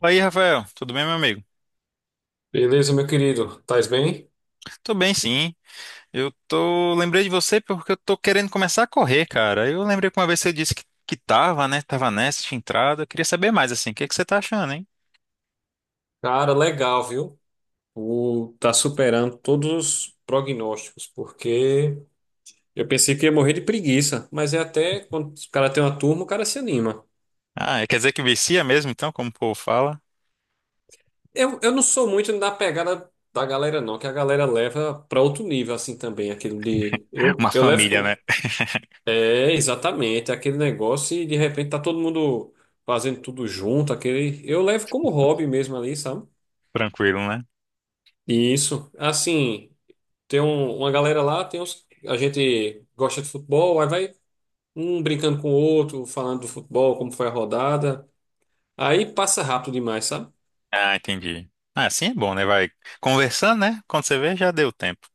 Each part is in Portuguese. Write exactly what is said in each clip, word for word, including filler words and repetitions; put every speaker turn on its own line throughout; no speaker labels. Fala aí, Rafael. Tudo bem, meu amigo?
Beleza, meu querido? Tais bem?
Tudo bem, sim. Eu tô... lembrei de você porque eu tô querendo começar a correr, cara. Eu lembrei que uma vez você disse que, que tava, né? Tava nessa, tinha entrado. Eu queria saber mais, assim, o que que você tá achando, hein?
Cara, legal, viu? O Tá superando todos os prognósticos, porque eu pensei que ia morrer de preguiça, mas é até quando o cara tem uma turma, o cara se anima.
Ah, quer dizer que vicia mesmo, então, como o povo fala?
Eu, eu não sou muito da pegada da galera, não, que a galera leva pra outro nível, assim também, aquele de. Eu,
Uma
eu levo.
família, né?
com- É, exatamente, aquele negócio, e de repente tá todo mundo fazendo tudo junto, aquele. Eu levo como hobby mesmo ali, sabe?
Tranquilo, né?
Isso, assim. Tem um- uma galera lá, tem uns, a gente gosta de futebol, aí vai um brincando com o outro, falando do futebol, como foi a rodada. Aí passa rápido demais, sabe?
Ah, entendi. Ah, assim é bom, né? Vai conversando, né? Quando você vê, já deu tempo.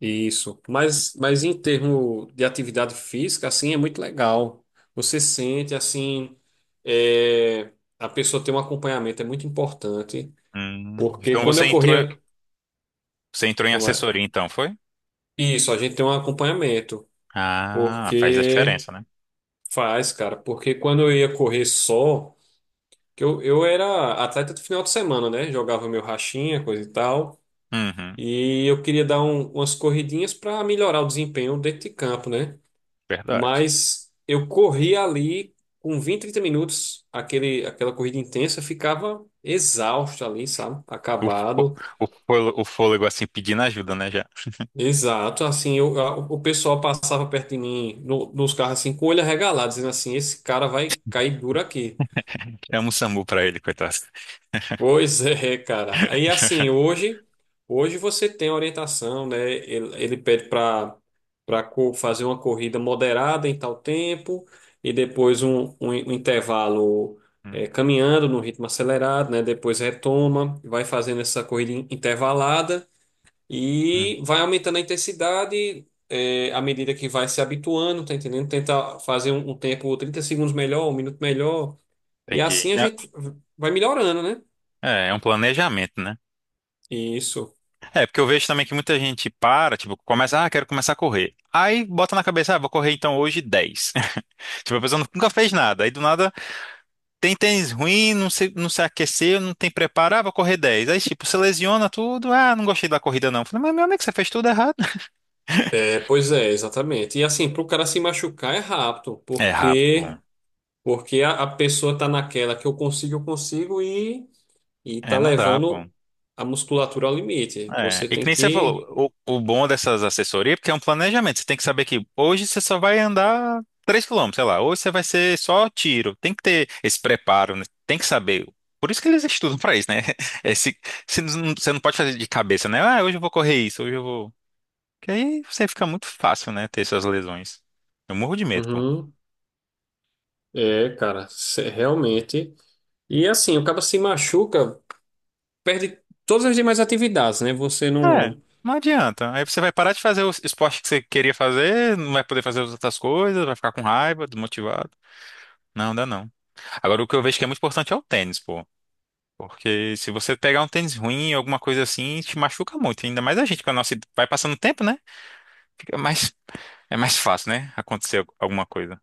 Isso. Mas, mas em termos de atividade física, assim, é muito legal. Você sente, assim, é, a pessoa tem um acompanhamento, é muito importante.
Hum,
Porque
então
quando
você
eu
entrou,
corria.
Você entrou em
Como é?
assessoria, então, foi?
Isso, a gente tem um acompanhamento.
Ah, faz a
Porque
diferença, né?
faz, cara. Porque quando eu ia correr só. Que eu, eu era atleta do final de semana, né? Jogava meu rachinha, coisa e tal.
Uhum,
E eu queria dar um- umas corridinhas para melhorar o desempenho dentro de campo, né?
verdade.
Mas eu corria ali com vinte trinta minutos, aquele, aquela corrida intensa, eu ficava exausto ali, sabe?
O, fô-
Acabado.
o, fôlego, o fôlego, assim pedindo ajuda, né? Já
Exato, assim, eu, a- o pessoal passava perto de mim no- nos carros, assim, com o olho arregalado, dizendo assim: esse cara vai cair duro aqui.
chama o SAMU pra ele, coitado.
Pois é, cara. Aí assim, hoje, hoje você tem orientação, né? Ele, ele pede para para fazer uma corrida moderada em tal tempo, e depois um, um, in- um intervalo
Hum,
eh, caminhando no ritmo acelerado, né? Depois retoma, vai fazendo essa corrida in- intervalada
hum,
e vai aumentando a intensidade, eh, à medida que vai se habituando, tá entendendo? Tenta fazer um, um tempo trinta segundos melhor, um minuto melhor, e
Entendi.
assim a gente vai melhorando, né?
É, é um planejamento, né?
Isso.
É, porque eu vejo também que muita gente para, tipo, começa, ah, quero começar a correr. Aí bota na cabeça, ah, vou correr então hoje dez. Tipo, a pessoa nunca fez nada. Aí do nada tem tênis ruim, não se, não se aqueceu, não tem preparo, ah, vou correr dez. Aí, tipo, você lesiona tudo, ah, não gostei da corrida não. Falei, mas meu amigo, você fez tudo errado.
É, pois é, exatamente. E assim, para o cara se machucar é rápido,
É rápido, pô.
porque porque a, a pessoa tá naquela que eu consigo, eu consigo, e e tá
É, não dá, pô.
levando a musculatura ao limite.
É,
Você
e que
tem
nem você
que.
falou, o, o bom dessas assessorias é porque é um planejamento. Você tem que saber que hoje você só vai andar três quilômetros sei lá, hoje você vai ser só tiro. Tem que ter esse preparo, né? Tem que saber. Por isso que eles estudam pra isso, né? Esse, você não você não pode fazer de cabeça, né? Ah, hoje eu vou correr isso, hoje eu vou. Porque aí você fica muito fácil, né? Ter essas lesões. Eu morro de medo, pô.
Uhum. É, cara, se- realmente. E assim, o cara se machuca, perde todas as demais atividades, né? Você
É,
não.
não adianta. Aí você vai parar de fazer o esporte que você queria fazer, não vai poder fazer as outras coisas, vai ficar com raiva, desmotivado. Não, dá não. Agora, o que eu vejo que é muito importante é o tênis, pô. Porque se você pegar um tênis ruim, alguma coisa assim, te machuca muito. Ainda mais a gente, com a nossa... Vai passando o tempo, né? Fica mais... É mais fácil, né? Acontecer al- alguma coisa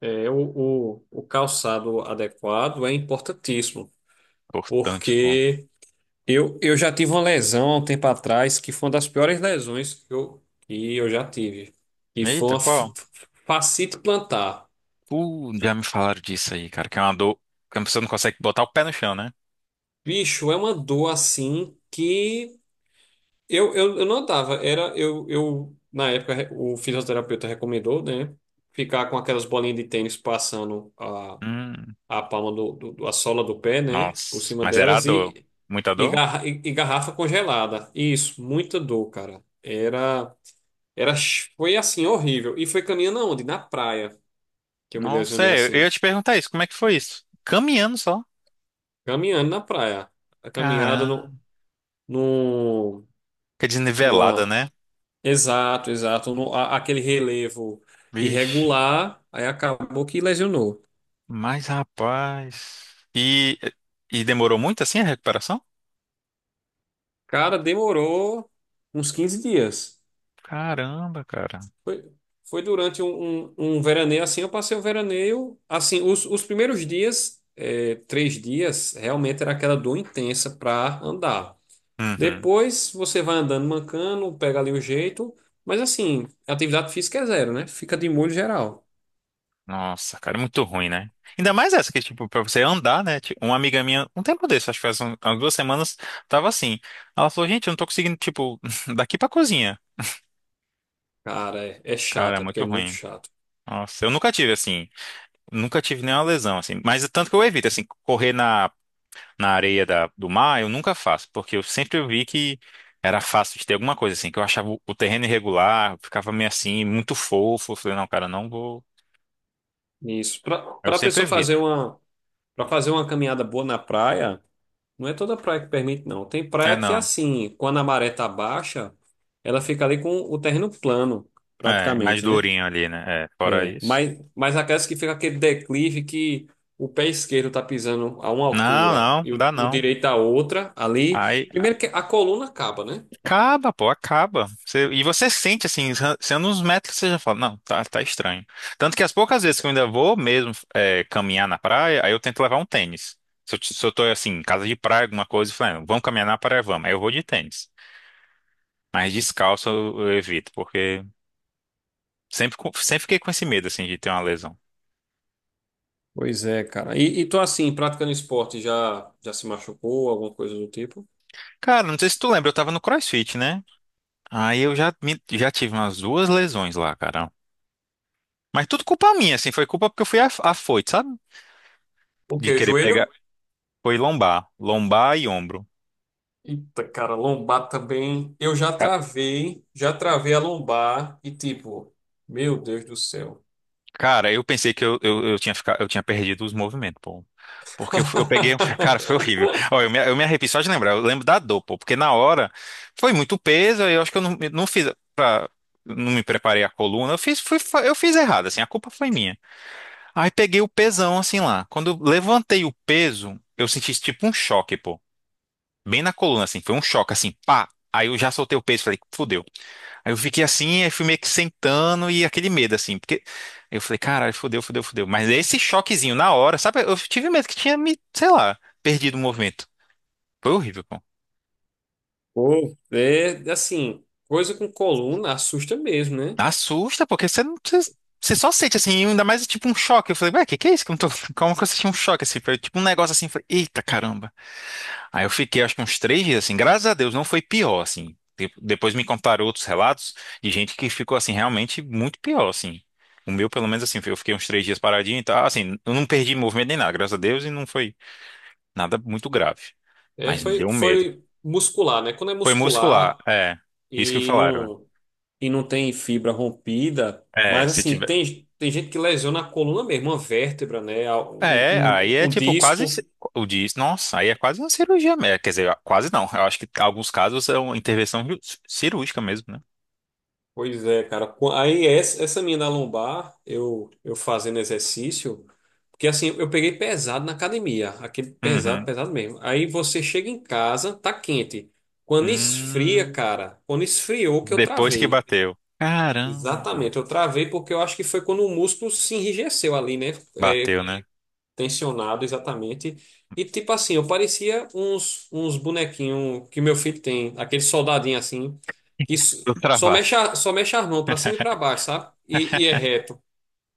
É o, o, o calçado adequado, é importantíssimo,
importante, pô.
porque Eu, eu já tive uma lesão há um tempo atrás que foi uma das piores lesões que eu, que eu já tive. E foi
Eita,
uma f-
qual?
f- fascite plantar.
Uh, já me falaram disso aí, cara. Que é uma dor... Que a pessoa não consegue botar o pé no chão, né?
Bicho, é uma dor assim que eu, eu, eu não andava. Era, eu, eu, na época, o fisioterapeuta recomendou, né? Ficar com aquelas bolinhas de tênis passando a,
Hum,
a palma do, do, do- a sola do pé, né? Por
nossa.
cima
Mas era a
delas
dor.
e,
Muita
e,
dor?
garra- e e garrafa congelada. Isso, muita dor, cara. Era. Era, ch- foi assim, horrível. E foi caminhando aonde? Na praia, que eu me
Nossa,
lesionei
é, eu ia
assim.
te perguntar isso. Como é que foi isso? Caminhando só.
Caminhando na praia. A caminhada
Caramba.
no, no,
Que desnivelada,
numa-
né?
Exato, exato. No, a- Aquele relevo
Vixe.
irregular, aí acabou que lesionou.
Mas, rapaz. E, e demorou muito assim a recuperação?
Cara, demorou uns quinze dias.
Caramba, cara.
Foi, foi durante um, um, um veraneio, assim. Eu passei o veraneio, assim, os, os primeiros dias, eh, três dias, realmente era aquela dor intensa para andar.
Uhum.
Depois você vai andando mancando, pega ali o jeito, mas assim, atividade física é zero, né? Fica de molho geral.
Nossa, cara, é muito ruim, né? Ainda mais essa que, tipo, pra você andar, né? Tipo, uma amiga minha, um tempo desse, acho que faz um- umas duas semanas, tava assim. Ela falou, gente, eu não tô conseguindo, tipo, daqui pra cozinha.
Cara, é, é
Cara, é
chato, é porque
muito
é muito
ruim.
chato.
Nossa, eu nunca tive, assim, nunca tive nenhuma lesão, assim. Mas tanto que eu evito, assim, correr na na areia da- do mar, eu nunca faço, porque eu sempre vi que era fácil de ter alguma coisa assim, que eu achava o, o terreno irregular, ficava meio assim, muito fofo. Eu falei, não, cara, não vou.
Isso. Pra,
Eu
pra
sempre
pessoa fazer
evito.
uma, pra fazer uma caminhada boa na praia, não é toda praia que permite, não. Tem praia
É,
que,
não.
assim, quando a maré tá baixa, ela fica ali com o terreno plano,
É, mais
praticamente, né?
durinho ali, né? É, fora
É,
isso.
mas, mas aquelas que fica aquele declive, que o pé esquerdo tá pisando a uma
Não,
altura
não,
e o,
dá
o
não.
direito a outra, ali.
Aí.
Primeiro que a coluna acaba, né?
Acaba, pô, acaba. Você- e você sente, assim, sendo uns metros que você já fala, não, tá, tá estranho. Tanto que as poucas vezes que eu ainda vou mesmo é, caminhar na praia, aí eu tento levar um tênis. Se eu, t- se eu tô, assim, em casa de praia, alguma coisa, e falando, vamos caminhar na praia, vamos. Aí eu vou de tênis. Mas descalço eu, eu evito, porque sempre, co- sempre fiquei com esse medo, assim, de ter uma lesão.
Pois é, cara. E, e tu, assim, praticando esporte, já, já se machucou, alguma coisa do tipo?
Cara, não sei se tu lembra, eu tava no CrossFit, né? Aí eu já, me- Já tive umas duas lesões lá, cara. Mas tudo culpa minha, assim, foi culpa porque eu fui af- afoito, sabe?
O
De
quê?
querer pegar.
Joelho?
Foi lombar, lombar e ombro.
Eita, cara, lombar também. Eu já
Ca-
travei, já travei a lombar e, tipo, meu Deus do céu.
Cara, eu pensei que eu, eu, eu tinha ficado, eu tinha perdido os movimentos, pô. Porque eu, fui- eu peguei, cara, foi horrível. Ó, eu me, eu me arrepio só de lembrar, eu lembro da dor, pô, porque na hora foi muito peso, aí eu acho que eu não, não fiz pra, não me preparei a coluna, eu fiz, fui, fa- eu fiz errado, assim, a culpa foi minha. Aí peguei o pesão, assim, lá. Quando eu levantei o peso, eu senti tipo um choque, pô, bem na coluna, assim, foi um choque, assim, pá. Aí eu já soltei o peso, e falei, fudeu. Aí eu fiquei assim, aí fui meio que sentando e aquele medo, assim, porque eu falei, caralho, fodeu, fodeu, fodeu. Mas esse choquezinho na hora, sabe? Eu tive medo que tinha me, sei lá, perdido o movimento. Foi horrível, pô.
Pô, é assim, coisa com coluna assusta mesmo, né?
Assusta, porque você não. Você você só sente assim, ainda mais tipo um choque. Eu falei, ué, que que é isso? Que eu não tô. Como que eu senti um choque assim? Foi tipo um negócio assim, eu falei, eita caramba. Aí eu fiquei, acho que uns três dias, assim, graças a Deus, não foi pior, assim. De- Depois me contaram outros relatos de gente que ficou, assim, realmente muito pior, assim. O meu, pelo menos, assim, eu fiquei uns três dias paradinho e tal, assim, eu não perdi movimento nem nada, graças a Deus, e não foi nada muito grave.
É,
Mas me
foi,
deu um medo.
foi muscular, né? Quando é
Foi muscular,
muscular
é. Isso que me
e
falaram.
não, e não tem fibra rompida,
É,
mas
se
assim,
tiver.
tem, tem gente que lesiona a coluna mesmo, uma vértebra, né? A- Um,
É, aí
um,
é
um
tipo quase
disco.
ci- o diz, nossa, aí é quase uma cirurgia, mesmo. Quer dizer, quase não. Eu acho que alguns casos é uma intervenção ju- cirúrgica mesmo, né?
Pois é, cara. Qu- Aí essa, essa minha da lombar, eu, eu fazendo exercício, porque assim, eu peguei pesado na academia, aquele pesado,
Uhum.
pesado mesmo. Aí você chega em casa, tá quente. Quando esfria,
Hum.
cara, quando esfriou que eu
Depois que
travei.
bateu. Caramba!
Exatamente, eu travei porque eu acho que foi quando o músculo se enrijeceu ali, né? É,
Bateu, né?
tensionado, exatamente. E tipo assim, eu parecia uns, uns bonequinhos que meu filho tem, aquele soldadinho assim, que s-
Tô
só
travado.
mexe, a- só mexe as mãos pra cima e pra baixo, sabe? E, e é reto.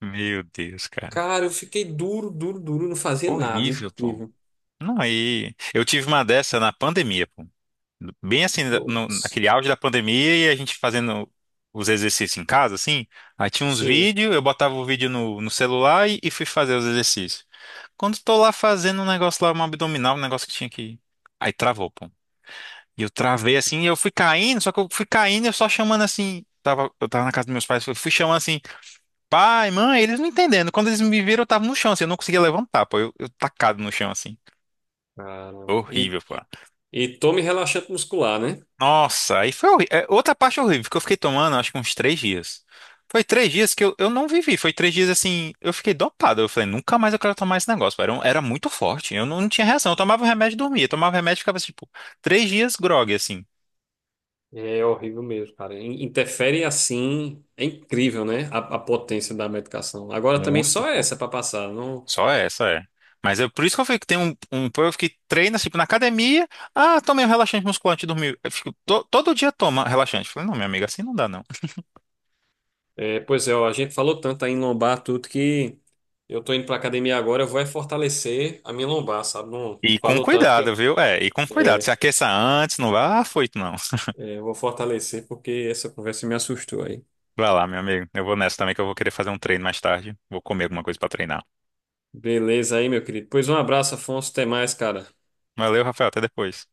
Meu Deus, cara.
Cara, eu fiquei duro, duro, duro, não fazia nada,
Horrível, pô.
incrível.
Não, aí. Eu tive uma dessa na pandemia, pô. Bem assim, no,
Putz.
naquele auge da pandemia e a gente fazendo os exercícios em casa, assim. Aí tinha uns
Sim.
vídeos, eu botava o vídeo no, no celular e, e fui fazer os exercícios. Quando tô lá fazendo um negócio lá, um abdominal, um negócio que tinha que. Aí travou, pô. E eu travei assim, e eu fui caindo, só que eu fui caindo, eu só chamando assim. Tava, eu tava na casa dos meus pais, eu fui chamando assim, pai, mãe, eles não entendendo. Quando eles me viram, eu tava no chão, assim, eu não conseguia levantar, pô. Eu, eu tacado no chão, assim.
Caramba. E,
Horrível, pô.
e tome relaxante muscular, né?
Nossa, aí foi horri- é, outra parte horrível, que eu fiquei tomando, acho que uns três dias. Foi três dias que eu, eu não vivi, foi três dias assim, eu fiquei dopado. Eu falei, nunca mais eu quero tomar esse negócio, pô. Era, um- era muito forte, eu não, não tinha reação. Eu tomava o remédio e dormia, eu tomava o remédio e ficava assim, tipo, três dias grogue, assim.
É horrível mesmo, cara. In- Interfere, assim, é incrível, né? A, a potência da medicação. Agora também
Muito,
só
pô.
essa para passar. Não,
Só essa é. Mas é por isso que eu falei que tem um, um povo que treina, tipo, na academia. Ah, tomei um relaxante musculante e dormi. Eu fico, to- todo dia toma relaxante. Eu falei, não, minha amiga, assim não dá, não.
é, pois é, ó, a gente falou tanto aí em lombar, tudo que eu tô indo pra academia agora, eu vou é fortalecer a minha lombar, sabe? Não
E com
falou tanto que
cuidado,
eu,
viu? É, e com cuidado. Se
é,
aqueça antes, não vá, ah, foi, não.
é, eu vou fortalecer porque essa conversa me assustou aí.
Vai lá, meu amigo. Eu vou nessa também, que eu vou querer fazer um treino mais tarde. Vou comer alguma coisa pra treinar.
Beleza aí, meu querido. Pois um abraço, Afonso. Até mais, cara.
Valeu, Rafael, até depois.